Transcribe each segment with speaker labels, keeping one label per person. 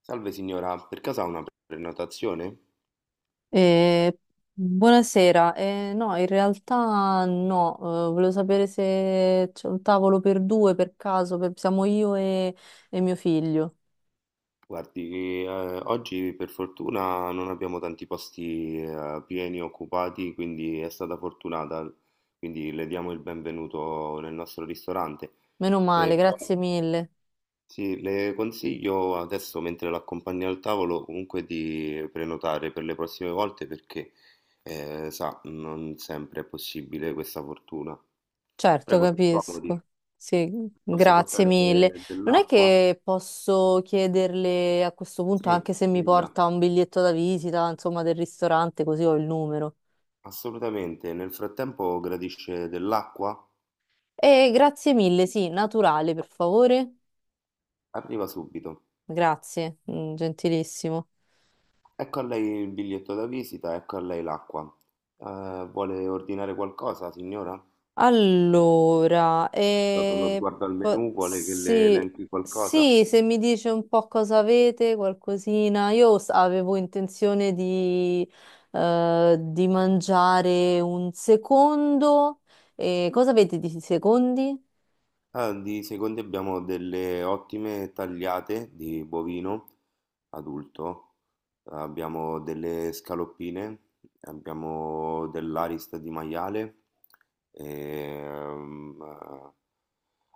Speaker 1: Salve signora, per caso ha una prenotazione?
Speaker 2: Eh, buonasera. No, in realtà no. Volevo sapere se c'è un tavolo per due per caso, siamo io e mio figlio.
Speaker 1: Guardi, oggi per fortuna non abbiamo tanti posti pieni occupati, quindi è stata fortunata, quindi le diamo il benvenuto nel nostro ristorante.
Speaker 2: Meno
Speaker 1: Eh,
Speaker 2: male, grazie mille.
Speaker 1: sì, le consiglio adesso, mentre l'accompagna al tavolo, comunque di prenotare per le prossime volte perché, sa, non sempre è possibile questa fortuna.
Speaker 2: Certo,
Speaker 1: Prego, si accomodi,
Speaker 2: capisco. Sì,
Speaker 1: posso
Speaker 2: grazie
Speaker 1: portare
Speaker 2: mille. Non è
Speaker 1: dell'acqua?
Speaker 2: che posso chiederle a questo
Speaker 1: Sì,
Speaker 2: punto anche se mi
Speaker 1: mi dica,
Speaker 2: porta un biglietto da visita, insomma, del ristorante, così ho il numero.
Speaker 1: assolutamente. Nel frattempo gradisce dell'acqua?
Speaker 2: E grazie mille, sì, naturale, per favore.
Speaker 1: Arriva subito.
Speaker 2: Grazie, mm, gentilissimo.
Speaker 1: Ecco a lei il biglietto da visita, ecco a lei l'acqua. Vuole ordinare qualcosa, signora?
Speaker 2: Allora,
Speaker 1: Dato uno sguardo al menù, vuole che le
Speaker 2: sì,
Speaker 1: elenchi qualcosa?
Speaker 2: sì, se mi dice un po' cosa avete, qualcosina, avevo intenzione di mangiare un secondo. Cosa avete di secondi?
Speaker 1: Ah, di secondi abbiamo delle ottime tagliate di bovino adulto, abbiamo delle scaloppine, abbiamo dell'arista di maiale, ehm, eh,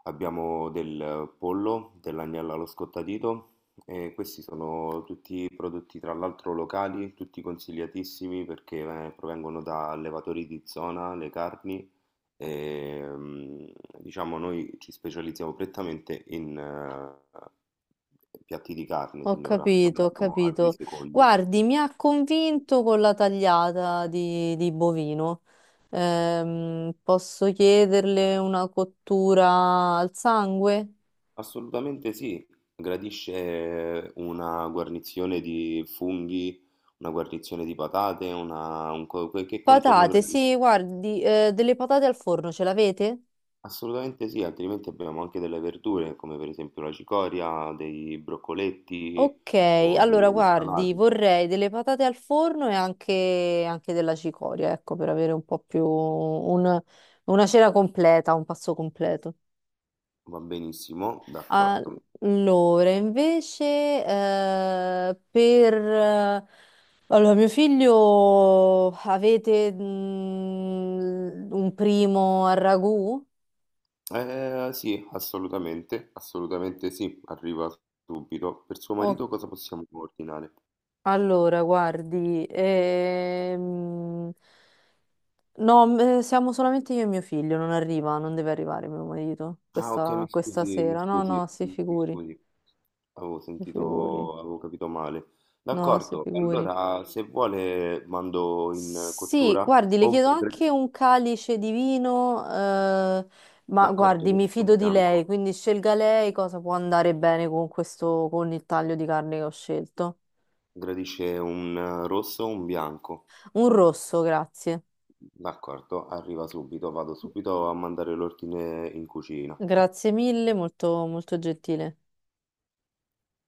Speaker 1: abbiamo del pollo, dell'agnello allo scottadito e questi sono tutti prodotti tra l'altro locali, tutti consigliatissimi perché provengono da allevatori di zona, le carni. Ehm, diciamo noi ci specializziamo prettamente in piatti di carne,
Speaker 2: Ho
Speaker 1: signora, non
Speaker 2: capito, ho
Speaker 1: abbiamo altri
Speaker 2: capito.
Speaker 1: secondi.
Speaker 2: Guardi, mi ha convinto con la tagliata di bovino. Posso chiederle una cottura al sangue?
Speaker 1: Assolutamente sì, gradisce una guarnizione di funghi, una guarnizione di patate, una, che contorno
Speaker 2: Patate,
Speaker 1: gradisce?
Speaker 2: sì, guardi, delle patate al forno ce l'avete?
Speaker 1: Assolutamente sì, altrimenti abbiamo anche delle verdure, come per esempio la cicoria, dei broccoletti
Speaker 2: Ok,
Speaker 1: o
Speaker 2: allora
Speaker 1: delle
Speaker 2: guardi,
Speaker 1: insalate.
Speaker 2: vorrei delle patate al forno e anche, anche della cicoria, ecco, per avere un po' una cena completa, un pasto completo.
Speaker 1: Va benissimo, d'accordo.
Speaker 2: Allora, invece, allora, mio figlio, avete mm, un primo al ragù?
Speaker 1: Sì, assolutamente, assolutamente sì, arriva subito. Per suo marito cosa possiamo ordinare?
Speaker 2: Allora, guardi, no, siamo solamente io e mio figlio, non arriva, non deve arrivare mio marito
Speaker 1: Ah, ok,
Speaker 2: questa,
Speaker 1: mi
Speaker 2: questa
Speaker 1: scusi, mi
Speaker 2: sera. No,
Speaker 1: scusi,
Speaker 2: no,
Speaker 1: mi scusi, avevo
Speaker 2: si figuri,
Speaker 1: sentito, avevo capito male.
Speaker 2: no, si
Speaker 1: D'accordo,
Speaker 2: figuri.
Speaker 1: allora se vuole mando in
Speaker 2: Sì,
Speaker 1: cottura.
Speaker 2: guardi, le
Speaker 1: O-
Speaker 2: chiedo
Speaker 1: gra-
Speaker 2: anche un calice di vino, ma
Speaker 1: D'accordo,
Speaker 2: guardi, mi
Speaker 1: rosso
Speaker 2: fido di lei,
Speaker 1: bianco.
Speaker 2: quindi scelga lei cosa può andare bene con questo, con il taglio di carne che ho scelto.
Speaker 1: Gradisce un rosso o un bianco?
Speaker 2: Un rosso, grazie.
Speaker 1: D'accordo, arriva subito, vado subito a mandare l'ordine in cucina.
Speaker 2: Grazie mille, molto, molto gentile.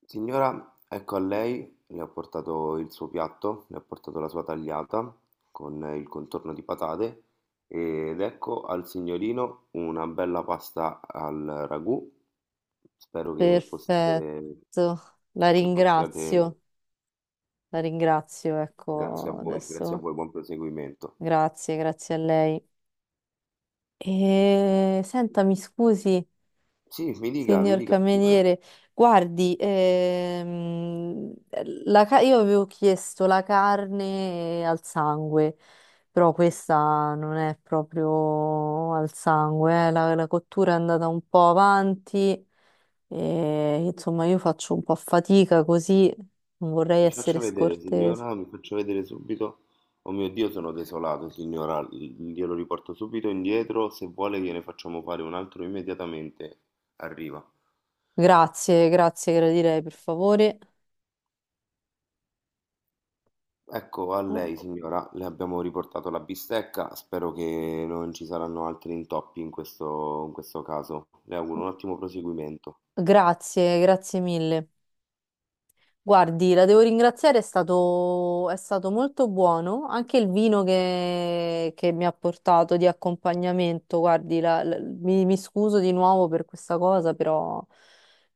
Speaker 1: Signora, ecco a lei, le ho portato il suo piatto, le ho portato la sua tagliata con il contorno di patate ed ecco al signorino una bella pasta al ragù. Spero
Speaker 2: Perfetto, la
Speaker 1: che possiate,
Speaker 2: ringrazio, la ringrazio, ecco,
Speaker 1: grazie a
Speaker 2: adesso
Speaker 1: voi, buon proseguimento.
Speaker 2: grazie, grazie a lei. E senta, mi scusi,
Speaker 1: Sì, mi
Speaker 2: signor
Speaker 1: dica, signora.
Speaker 2: cameriere, guardi, io avevo chiesto la carne al sangue, però questa non è proprio al sangue, eh. La, la cottura è andata un po' avanti, e, insomma io faccio un po' fatica così, non vorrei
Speaker 1: Mi faccia
Speaker 2: essere
Speaker 1: vedere,
Speaker 2: scortese.
Speaker 1: signora, mi faccia vedere subito. Oh mio Dio, sono desolato, signora. Glielo riporto subito indietro. Se vuole, gliene facciamo fare un altro immediatamente. Arriva.
Speaker 2: Grazie, grazie, gradirei, per favore.
Speaker 1: Ecco, a
Speaker 2: Eh,
Speaker 1: lei, signora, le abbiamo riportato la bistecca. Spero che non ci saranno altri intoppi in questo caso. Le auguro un ottimo proseguimento.
Speaker 2: Grazie, grazie mille. Guardi, la devo ringraziare, è stato molto buono. Anche il vino che mi ha portato di accompagnamento, guardi, mi, mi scuso di nuovo per questa cosa, però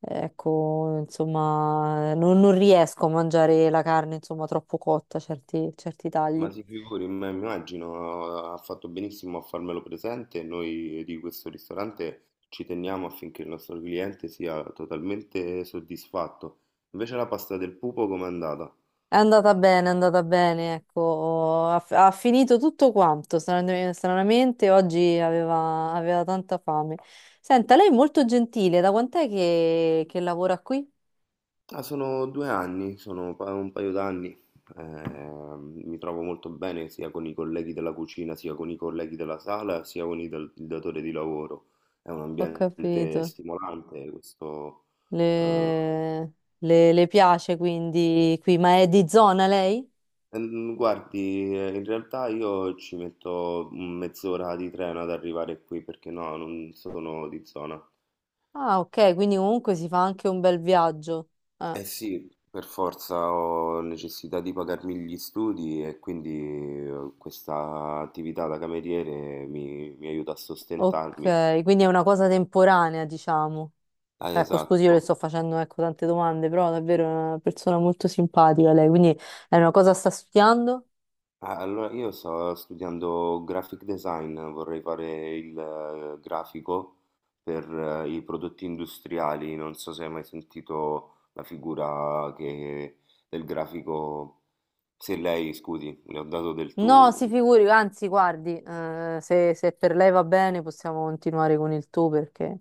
Speaker 2: ecco, insomma, non, non riesco a mangiare la carne, insomma, troppo cotta, certi, certi tagli.
Speaker 1: Ma si figuri, ma immagino, ha fatto benissimo a farmelo presente. Noi di questo ristorante ci teniamo affinché il nostro cliente sia totalmente soddisfatto. Invece la pasta del pupo com'è andata?
Speaker 2: È andata bene, ecco, ha, ha finito tutto quanto, stranamente, oggi aveva, aveva tanta fame. Senta, lei è molto gentile, da quant'è che lavora qui?
Speaker 1: Ah, sono due anni, un paio d'anni. Eh, mi trovo molto bene sia con i colleghi della cucina, sia con i colleghi della sala, sia con i il datore di lavoro. È un
Speaker 2: Ho
Speaker 1: ambiente
Speaker 2: capito,
Speaker 1: stimolante questo. eh,
Speaker 2: le, le piace quindi qui, ma è di zona lei?
Speaker 1: Guardi, in realtà io ci metto mezz'ora di treno ad arrivare qui perché no, non sono di zona.
Speaker 2: Ah, ok, quindi comunque si fa anche un bel viaggio. Ah,
Speaker 1: Eh sì, per forza ho necessità di pagarmi gli studi e quindi questa attività da cameriere mi aiuta a sostentarmi.
Speaker 2: ok, quindi è una cosa temporanea, diciamo.
Speaker 1: Ah,
Speaker 2: Ecco, scusi, io le
Speaker 1: esatto.
Speaker 2: sto facendo, ecco, tante domande, però davvero è una persona molto simpatica lei, quindi è una cosa sta studiando?
Speaker 1: Allora, io sto studiando graphic design, vorrei fare il grafico per i prodotti industriali. Non so se hai mai sentito la figura del grafico. Se lei, scusi, le ho dato del
Speaker 2: No, si
Speaker 1: tu.
Speaker 2: figuri, anzi, guardi, se, se per lei va bene possiamo continuare con il tu perché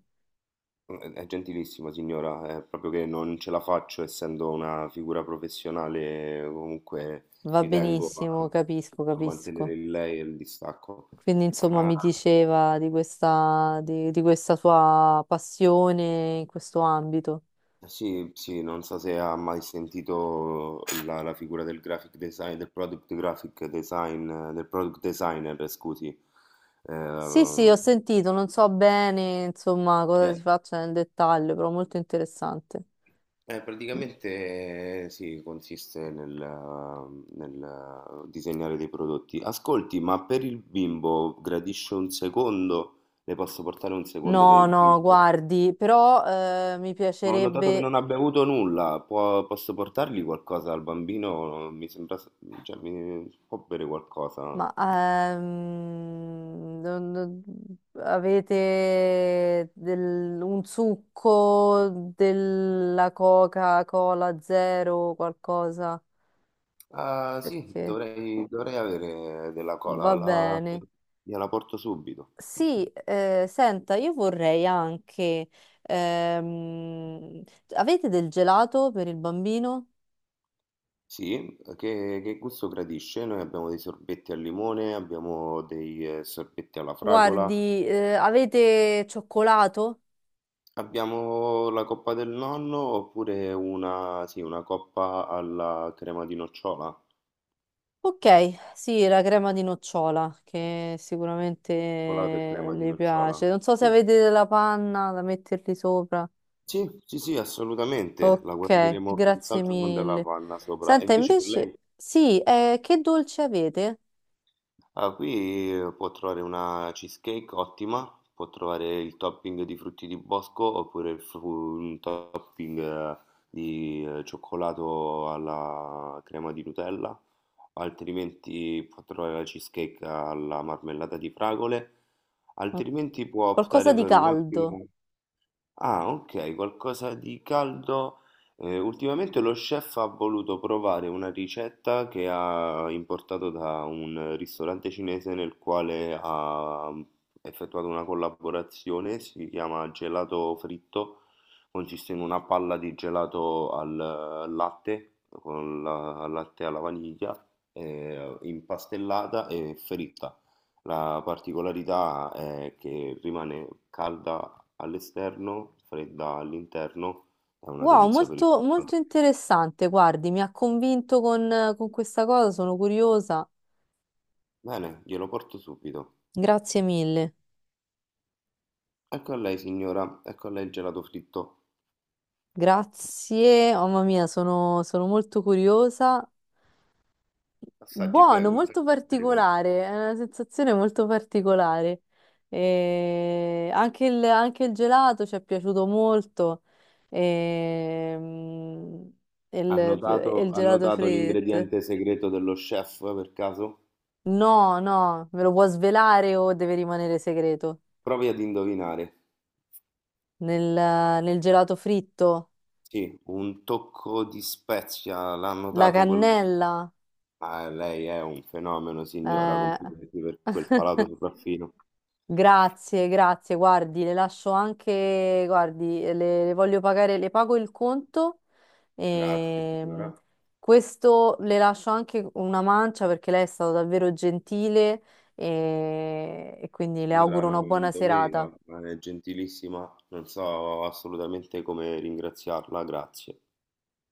Speaker 1: È gentilissima signora, è proprio che non ce la faccio essendo una figura professionale, comunque
Speaker 2: va
Speaker 1: ci tengo
Speaker 2: benissimo,
Speaker 1: a,
Speaker 2: capisco,
Speaker 1: a mantenere
Speaker 2: capisco.
Speaker 1: il lei e il distacco.
Speaker 2: Quindi, insomma,
Speaker 1: Ma
Speaker 2: mi diceva di questa sua passione in questo ambito.
Speaker 1: Sì, sì, non so se ha mai sentito la figura del graphic design, del product graphic design, del product designer, scusi.
Speaker 2: Sì, sì, ho
Speaker 1: Ehm,
Speaker 2: sentito, non so bene, insomma, cosa
Speaker 1: cioè,
Speaker 2: si faccia nel dettaglio, però molto interessante.
Speaker 1: praticamente sì, consiste nel, disegnare dei prodotti. Ascolti, ma per il bimbo gradisce un secondo? Le posso portare un secondo per
Speaker 2: No,
Speaker 1: il
Speaker 2: no,
Speaker 1: bimbo?
Speaker 2: guardi, però mi
Speaker 1: Ma ho notato che
Speaker 2: piacerebbe,
Speaker 1: non ha bevuto nulla. Posso portargli qualcosa al bambino? Mi sembra, cioè, può bere qualcosa.
Speaker 2: ma avete un succo della Coca-Cola zero qualcosa?
Speaker 1: Ah, sì,
Speaker 2: Perché
Speaker 1: dovrei, dovrei avere della cola.
Speaker 2: va
Speaker 1: La,
Speaker 2: bene.
Speaker 1: gliela porto subito.
Speaker 2: Sì, senta, io vorrei anche, ehm, avete del gelato per il bambino?
Speaker 1: Sì, che gusto gradisce? Noi abbiamo dei sorbetti al limone, abbiamo dei sorbetti alla fragola,
Speaker 2: Guardi, avete cioccolato?
Speaker 1: abbiamo la coppa del nonno oppure una, sì, una coppa alla crema di nocciola,
Speaker 2: Ok, sì, la crema di nocciola che sicuramente
Speaker 1: cioccolato e crema di
Speaker 2: le
Speaker 1: nocciola.
Speaker 2: piace. Non so se avete della panna da metterli sopra.
Speaker 1: Sì, sì, sì, assolutamente, la
Speaker 2: Ok,
Speaker 1: guarniremo
Speaker 2: grazie
Speaker 1: senz'altro con della
Speaker 2: mille.
Speaker 1: panna sopra. E
Speaker 2: Senta,
Speaker 1: invece per lei,
Speaker 2: invece, sì, che dolce avete?
Speaker 1: ah, qui può trovare una cheesecake ottima, può trovare il topping di frutti di bosco oppure un topping di cioccolato alla crema di Nutella, altrimenti può trovare la cheesecake alla marmellata di fragole,
Speaker 2: Oh,
Speaker 1: altrimenti può
Speaker 2: qualcosa
Speaker 1: optare
Speaker 2: di
Speaker 1: per
Speaker 2: caldo.
Speaker 1: un'ottima... Ah, ok, qualcosa di caldo. Ultimamente lo chef ha voluto provare una ricetta che ha importato da un ristorante cinese nel quale ha effettuato una collaborazione, si chiama gelato fritto, consiste in una palla di gelato al latte, con la al latte alla vaniglia, impastellata e fritta. La particolarità è che rimane calda all'esterno, fredda all'interno, è una
Speaker 2: Wow,
Speaker 1: delizia per il
Speaker 2: molto, molto
Speaker 1: gelato.
Speaker 2: interessante. Guardi, mi ha convinto con questa cosa, sono curiosa.
Speaker 1: Bene, glielo porto subito.
Speaker 2: Grazie mille.
Speaker 1: Ecco a lei, signora, ecco a lei il gelato fritto.
Speaker 2: Grazie, oh, mamma mia, sono sono molto curiosa.
Speaker 1: Assaggi,
Speaker 2: Buono,
Speaker 1: prego, mi
Speaker 2: molto
Speaker 1: faccia sapere com'è.
Speaker 2: particolare, è una sensazione molto particolare. E anche il gelato ci è piaciuto molto. Ehm, il, il
Speaker 1: Ha
Speaker 2: gelato
Speaker 1: notato
Speaker 2: fritto.
Speaker 1: l'ingrediente segreto dello chef per caso?
Speaker 2: No, no, me lo può svelare o deve rimanere segreto?
Speaker 1: Provi ad indovinare.
Speaker 2: Nel, nel gelato fritto,
Speaker 1: Sì, un tocco di spezia, l'ha
Speaker 2: la
Speaker 1: notato quel...
Speaker 2: cannella.
Speaker 1: Ah, lei è un fenomeno, signora,
Speaker 2: eh,
Speaker 1: complimenti per quel palato sopraffino.
Speaker 2: Grazie, grazie, guardi, le lascio anche, guardi, le voglio pagare, le pago il conto.
Speaker 1: Grazie,
Speaker 2: Ehm,
Speaker 1: signora.
Speaker 2: questo le lascio anche una mancia perché lei è stata davvero gentile e quindi le
Speaker 1: Signora,
Speaker 2: auguro
Speaker 1: no,
Speaker 2: una
Speaker 1: non
Speaker 2: buona serata.
Speaker 1: doveva, ma è gentilissima, non so assolutamente come ringraziarla, grazie.